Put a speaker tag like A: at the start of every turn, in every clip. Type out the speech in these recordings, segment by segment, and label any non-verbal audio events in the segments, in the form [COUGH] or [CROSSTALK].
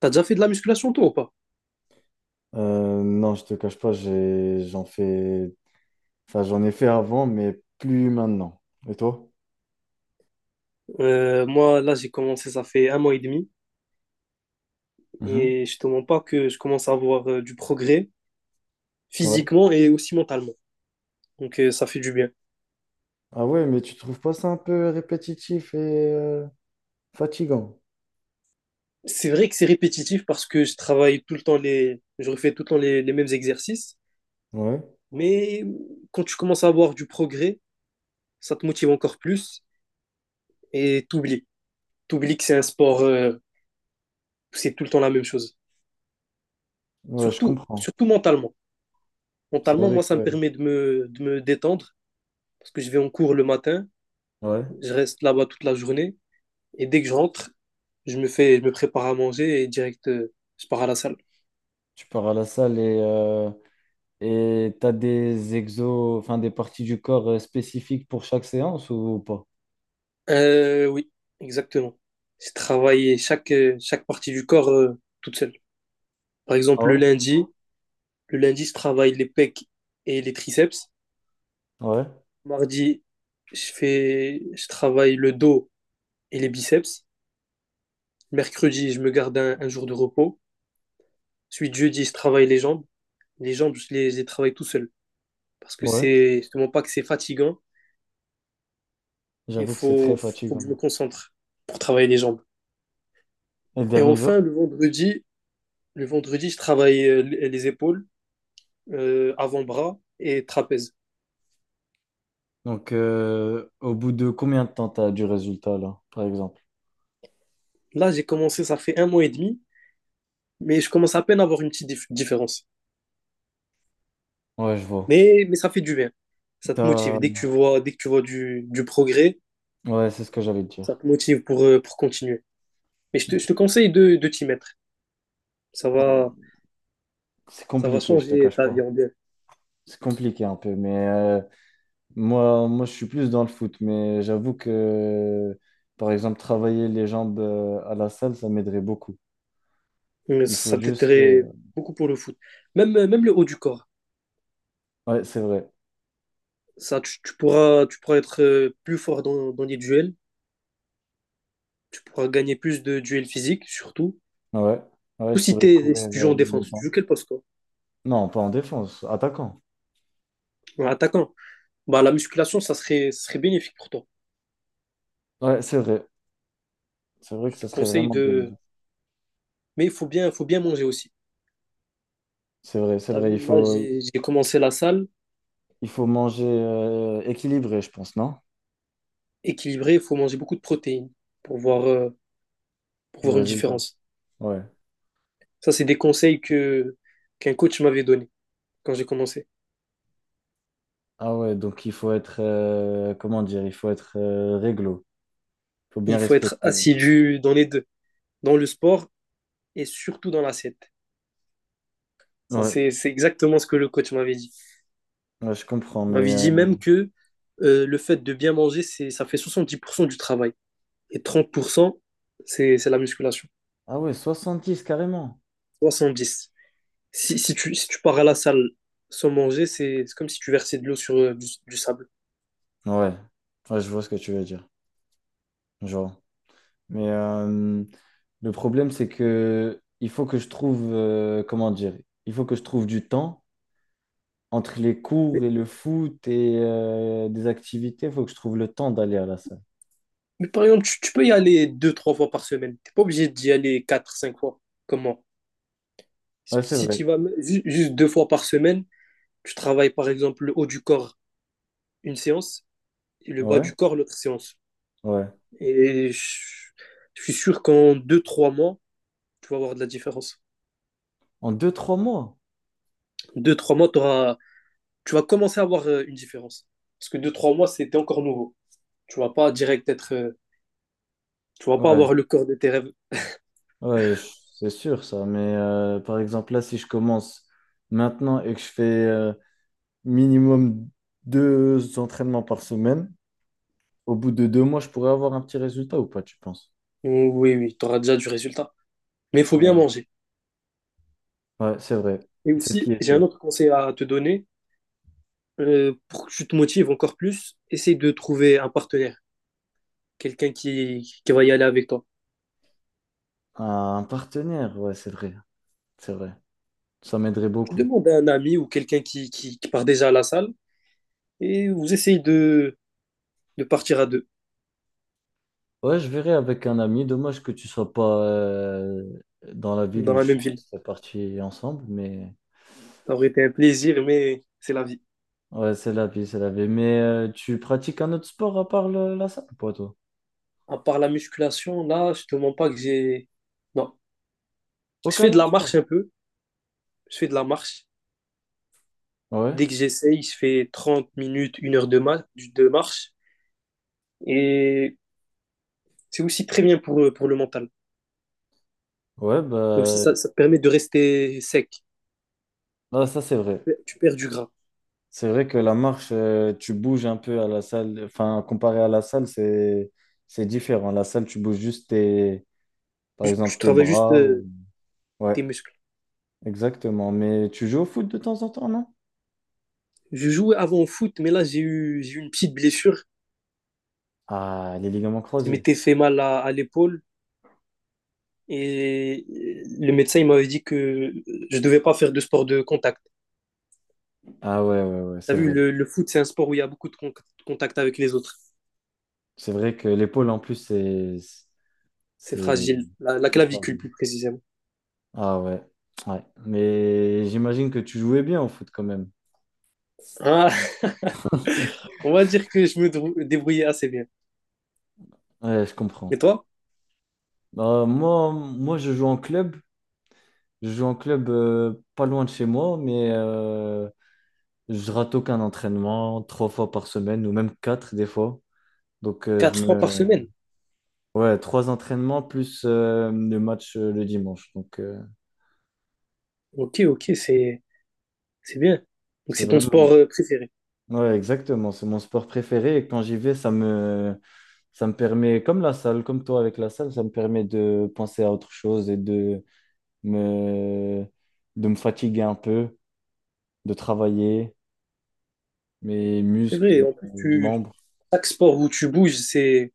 A: T'as déjà fait de la musculation toi ou pas?
B: Non, je te cache pas, j'en fais, enfin, j'en ai fait avant, mais plus maintenant. Et toi?
A: Moi là j'ai commencé ça fait 1 mois et demi
B: Mhm.
A: et je te mens pas que je commence à avoir du progrès
B: Ouais.
A: physiquement et aussi mentalement. Donc ça fait du bien.
B: Ah ouais, mais tu trouves pas ça un peu répétitif et euh, fatigant?
A: C'est vrai que c'est répétitif parce que je travaille tout le temps je refais tout le temps les mêmes exercices,
B: Ouais.
A: mais quand tu commences à avoir du progrès, ça te motive encore plus et t'oublies. T'oublies que c'est un sport, c'est tout le temps la même chose.
B: Ouais, je
A: Surtout,
B: comprends.
A: surtout mentalement.
B: C'est
A: Mentalement,
B: vrai
A: moi ça
B: que,
A: me permet de de me détendre parce que je vais en cours le matin.
B: ouais,
A: Je reste là-bas toute la journée et dès que je rentre, je me prépare à manger et direct, je pars à la salle.
B: tu pars à la salle et et t'as des exos, enfin des parties du corps spécifiques pour chaque séance ou pas?
A: Oui, exactement. J'ai travaillé chaque partie du corps toute seule. Par
B: Ah
A: exemple, le
B: ouais?
A: lundi, le lundi, je travaille les pecs et les triceps.
B: Ouais.
A: Mardi, je travaille le dos et les biceps. Mercredi, je me garde un jour de repos. Ensuite, jeudi, je travaille les jambes. Les jambes, je les travaille tout seul. Parce que
B: Ouais.
A: c'est justement pas que c'est fatigant. Il
B: J'avoue que c'est très
A: faut, faut que je me
B: fatigant.
A: concentre pour travailler les jambes.
B: Et le
A: Et
B: dernier jour?
A: enfin, le vendredi, je travaille les épaules, avant-bras et trapèze.
B: Donc, au bout de combien de temps t'as du résultat là, par exemple?
A: Là, j'ai commencé, ça fait un mois et demi, mais je commence à peine à avoir une petite différence.
B: Ouais, je vois.
A: Mais ça fait du bien. Ça te motive.
B: T'as...
A: Dès que tu vois du progrès,
B: Ouais, c'est ce que j'allais te
A: ça
B: dire.
A: te motive pour continuer. Je te conseille de t'y mettre. Ça va,
B: C'est
A: ça va
B: compliqué, je te
A: changer
B: cache
A: ta vie
B: pas.
A: en bien.
B: C'est compliqué un peu, mais moi, je suis plus dans le foot, mais j'avoue que, par exemple, travailler les jambes à la salle, ça m'aiderait beaucoup.
A: Mais
B: Il faut
A: ça
B: juste
A: t'aiderait
B: que...
A: beaucoup pour le foot. Même, même le haut du corps.
B: Ouais, c'est vrai.
A: Tu pourras être plus fort dans les duels. Tu pourras gagner plus de duels physiques, surtout.
B: Ouais, ouais,
A: Ou
B: je pourrais courir
A: si tu joues en
B: le
A: défense, tu
B: temps.
A: joues quel poste, toi?
B: Non, pas en défense, attaquant.
A: En attaquant. Bah, la musculation, ça serait bénéfique pour toi.
B: Ouais, c'est vrai. C'est vrai que
A: Je te
B: ça serait
A: conseille
B: vraiment bien
A: de.
B: dit.
A: Mais faut bien manger aussi.
B: C'est vrai, c'est
A: T'as
B: vrai. Il
A: vu, là,
B: faut,
A: j'ai commencé la salle.
B: il faut manger équilibré, je pense, non?
A: Équilibré, il faut manger beaucoup de protéines pour voir, euh, pour
B: Le
A: voir une
B: résultat.
A: différence.
B: Ouais.
A: Ça, c'est des conseils qu'un coach m'avait donné quand j'ai commencé.
B: Ah ouais, donc il faut être, comment dire, il faut être réglo. Il faut bien
A: Il faut être
B: respecter.
A: assidu dans les deux, dans le sport et surtout dans l'assiette. Ça,
B: Ouais,
A: c'est exactement ce que le coach m'avait dit.
B: ouais, je comprends,
A: Il
B: mais...
A: m'avait dit même que le fait de bien manger, ça fait 70% du travail. Et 30%, c'est la musculation.
B: Ah ouais, 70 carrément.
A: 70. Si tu pars à la salle sans manger, c'est comme si tu versais de l'eau sur du sable.
B: Ouais. Ouais, je vois ce que tu veux dire. Genre. Mais le problème, c'est que il faut que je trouve, comment dire, il faut que je trouve du temps entre les cours
A: Mais,
B: et le foot et des activités. Il faut que je trouve le temps d'aller à la salle.
A: mais par exemple, tu peux y aller deux, trois fois par semaine. T'es pas obligé d'y aller quatre, cinq fois. Comment? Si
B: Ouais, c'est
A: si
B: vrai.
A: tu y vas ju- juste deux fois par semaine, tu travailles par exemple le haut du corps une séance et le bas
B: Ouais,
A: du corps l'autre séance.
B: ouais.
A: Et je, je suis sûr qu'en deux trois mois, tu vas avoir de la différence.
B: En deux, trois mois?
A: Deux trois mois, tu vas commencer à avoir une différence. Parce que deux trois mois, c'était encore nouveau. Tu vas pas direct être. Tu vas pas
B: Ouais,
A: avoir le corps de tes rêves.
B: ouais, c'est sûr ça. Mais par exemple, là, si je commence maintenant et que je fais minimum deux entraînements par semaine, au bout de 2 mois, je pourrais avoir un petit résultat ou pas, tu penses?
A: Oui, oui, tu auras déjà du résultat. Mais il faut bien
B: Ouais,
A: manger.
B: ouais, c'est vrai.
A: Et
B: C'est ce qui
A: aussi,
B: est
A: j'ai un
B: dur.
A: autre conseil à te donner. Pour que tu te motives encore plus, essaye de trouver un partenaire, quelqu'un qui va y aller avec toi.
B: Un partenaire, ouais, c'est vrai. C'est vrai. Ça m'aiderait
A: Tu
B: beaucoup.
A: demandes à un ami ou quelqu'un qui part déjà à la salle et vous essayez de partir à deux.
B: Ouais, je verrai avec un ami. Dommage que tu sois pas dans la ville
A: Dans
B: où je
A: la même
B: suis. On
A: ville.
B: serait parti ensemble, mais...
A: Ça aurait été un plaisir, mais c'est la vie.
B: Ouais, c'est la vie, c'est la vie. Mais tu pratiques un autre sport à part la salle, pas toi?
A: À part la musculation, là, je te mens pas que j'ai. Non. Je fais
B: Aucun
A: de
B: autre
A: la
B: sport.
A: marche un peu. Je fais de la marche.
B: Ouais,
A: Dès que j'essaye, je fais 30 minutes, une heure de marche. Et c'est aussi très bien pour le mental.
B: ouais,
A: Et aussi,
B: bah,
A: ça te permet de rester sec.
B: ah, ça c'est vrai.
A: Tu perds du gras.
B: C'est vrai que la marche, tu bouges un peu à la salle. Enfin, comparé à la salle, c'est différent. La salle, tu bouges juste tes, par
A: Tu
B: exemple, tes
A: travailles juste
B: bras. Ouais,
A: tes muscles.
B: exactement. Mais tu joues au foot de temps en temps, non?
A: Je jouais avant au foot, mais là, j'ai eu une petite blessure.
B: Ah, les ligaments
A: Je
B: croisés.
A: m'étais fait mal à l'épaule. Et le médecin, il m'avait dit que je devais pas faire de sport de contact.
B: Ah ouais, ouais, ouais,
A: T'as
B: c'est
A: vu,
B: vrai.
A: le foot, c'est un sport où il y a beaucoup de contact avec les autres.
B: C'est vrai que l'épaule, en plus, c'est
A: C'est
B: c'est
A: fragile. La
B: très
A: clavicule,
B: fragile.
A: plus précisément.
B: Ah ouais, ouais. Mais j'imagine que tu jouais bien au foot quand même.
A: Ah, [LAUGHS] on va dire que je me débrouillais assez bien.
B: Ouais, je
A: Et
B: comprends.
A: toi?
B: Moi, je joue en club. Je joue en club pas loin de chez moi, mais je rate aucun entraînement, trois fois par semaine, ou même quatre des fois. Donc je
A: Quatre fois par
B: me...
A: semaine.
B: Ouais, trois entraînements plus le match le dimanche. Donc
A: Ok, c'est bien. Donc,
B: c'est
A: c'est ton sport
B: vraiment...
A: préféré.
B: Ouais, exactement. C'est mon sport préféré et quand j'y vais, ça me permet, comme la salle, comme toi avec la salle, ça me permet de penser à autre chose et de me, me fatiguer un peu, de travailler mes
A: C'est vrai,
B: muscles,
A: en plus,
B: mes
A: tu,
B: membres.
A: chaque sport où tu bouges,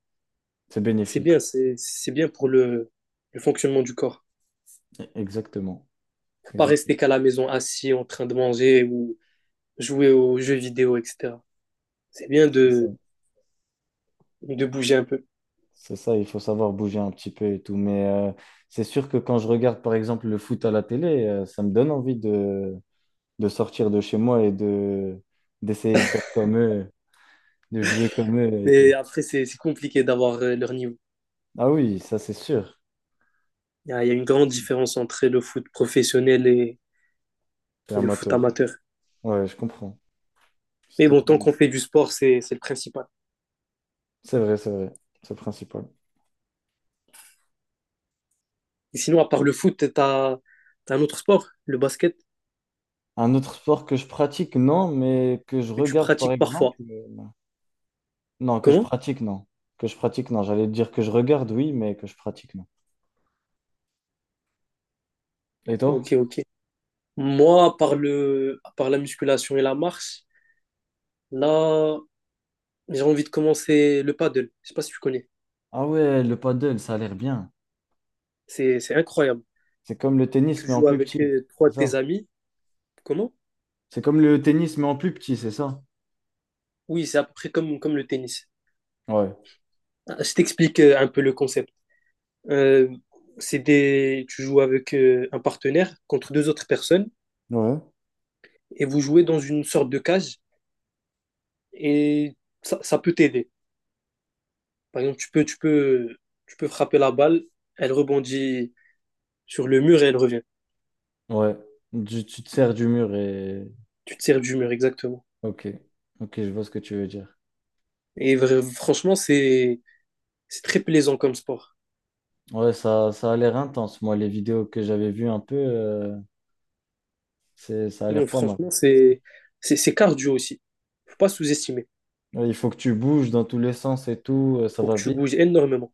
B: C'est
A: c'est
B: bénéfique,
A: bien.
B: ouais.
A: C'est bien pour le fonctionnement du corps.
B: Exactement.
A: Faut pas rester
B: Exactement.
A: qu'à la maison assis en train de manger ou jouer aux jeux vidéo, etc. C'est bien
B: C'est ça.
A: de bouger un peu.
B: C'est ça, il faut savoir bouger un petit peu et tout. Mais c'est sûr que quand je regarde, par exemple, le foot à la télé, ça me donne envie de, sortir de chez moi et de, d'essayer de faire comme eux, de jouer comme eux et tout.
A: Mais après, c'est compliqué d'avoir leur niveau.
B: Ah oui, ça c'est sûr.
A: Il y a une grande différence entre le foot professionnel
B: T'es
A: et le foot
B: amateur.
A: amateur.
B: Ouais, je comprends. C'est
A: Mais bon, tant
B: totalement...
A: qu'on fait du sport, c'est le principal.
B: C'est vrai, c'est vrai. C'est le principal.
A: Et sinon, à part le foot, t'as un autre sport, le basket,
B: Un autre sport que je pratique, non, mais que je
A: que tu
B: regarde par
A: pratiques parfois.
B: exemple. Non, que je
A: Comment?
B: pratique, non. Que je pratique, non. J'allais dire que je regarde, oui, mais que je pratique, non. Et
A: Ok,
B: toi?
A: ok. Moi, à part la musculation et la marche, là, j'ai envie de commencer le paddle. Je sais pas si tu connais.
B: Ah ouais, le paddle, ça a l'air bien.
A: C'est incroyable.
B: C'est comme le tennis,
A: Tu
B: mais en
A: joues
B: plus
A: avec
B: petit.
A: trois
B: C'est
A: de tes
B: ça?
A: amis. Comment?
B: C'est comme le tennis, mais en plus petit, c'est ça?
A: Oui, c'est à peu près comme le tennis.
B: Ouais.
A: Ah, je t'explique un peu le concept. Euh, tu joues avec un partenaire contre deux autres personnes
B: Ouais.
A: et vous jouez dans une sorte de cage et ça peut t'aider. Par exemple, tu peux frapper la balle, elle rebondit sur le mur et elle revient.
B: Ouais. Tu te sers du mur et...
A: Tu te sers du mur, exactement.
B: Ok, ok, je vois ce que tu veux dire.
A: Et franchement, c'est très plaisant comme sport.
B: Ouais, ça a l'air intense. Moi, les vidéos que j'avais vues un peu, c'est, ça a
A: Hum,
B: l'air pas mal.
A: Franchement, c'est, c'est cardio aussi. Faut pas sous-estimer.
B: Ouais, il faut que tu bouges dans tous les sens et tout, ça
A: Faut
B: va
A: que tu
B: vite.
A: bouges énormément.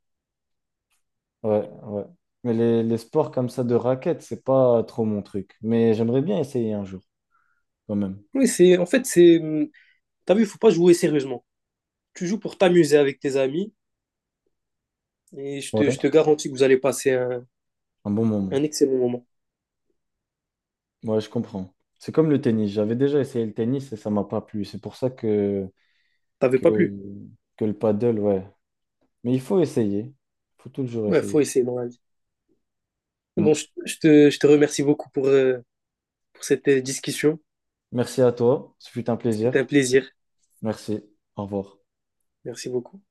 B: Ouais, ouais. Mais les sports comme ça de raquettes, c'est pas trop mon truc. Mais j'aimerais bien essayer un jour, quand même.
A: Oui, c'est, en fait, c'est, T'as vu, il faut pas jouer sérieusement. Tu joues pour t'amuser avec tes amis et
B: Ouais,
A: je te garantis que vous allez passer
B: un bon
A: un
B: moment.
A: excellent moment.
B: Ouais, je comprends. C'est comme le tennis. J'avais déjà essayé le tennis et ça m'a pas plu. C'est pour ça que,
A: T'avais
B: que,
A: pas plu.
B: le paddle, ouais. Mais il faut essayer. Il faut toujours
A: Ouais,
B: essayer.
A: faut essayer dans la vie. Bon,
B: Mm.
A: je te remercie beaucoup pour cette discussion.
B: Merci à toi. Ce fut un
A: C'était
B: plaisir.
A: un plaisir.
B: Merci. Au revoir.
A: Merci beaucoup.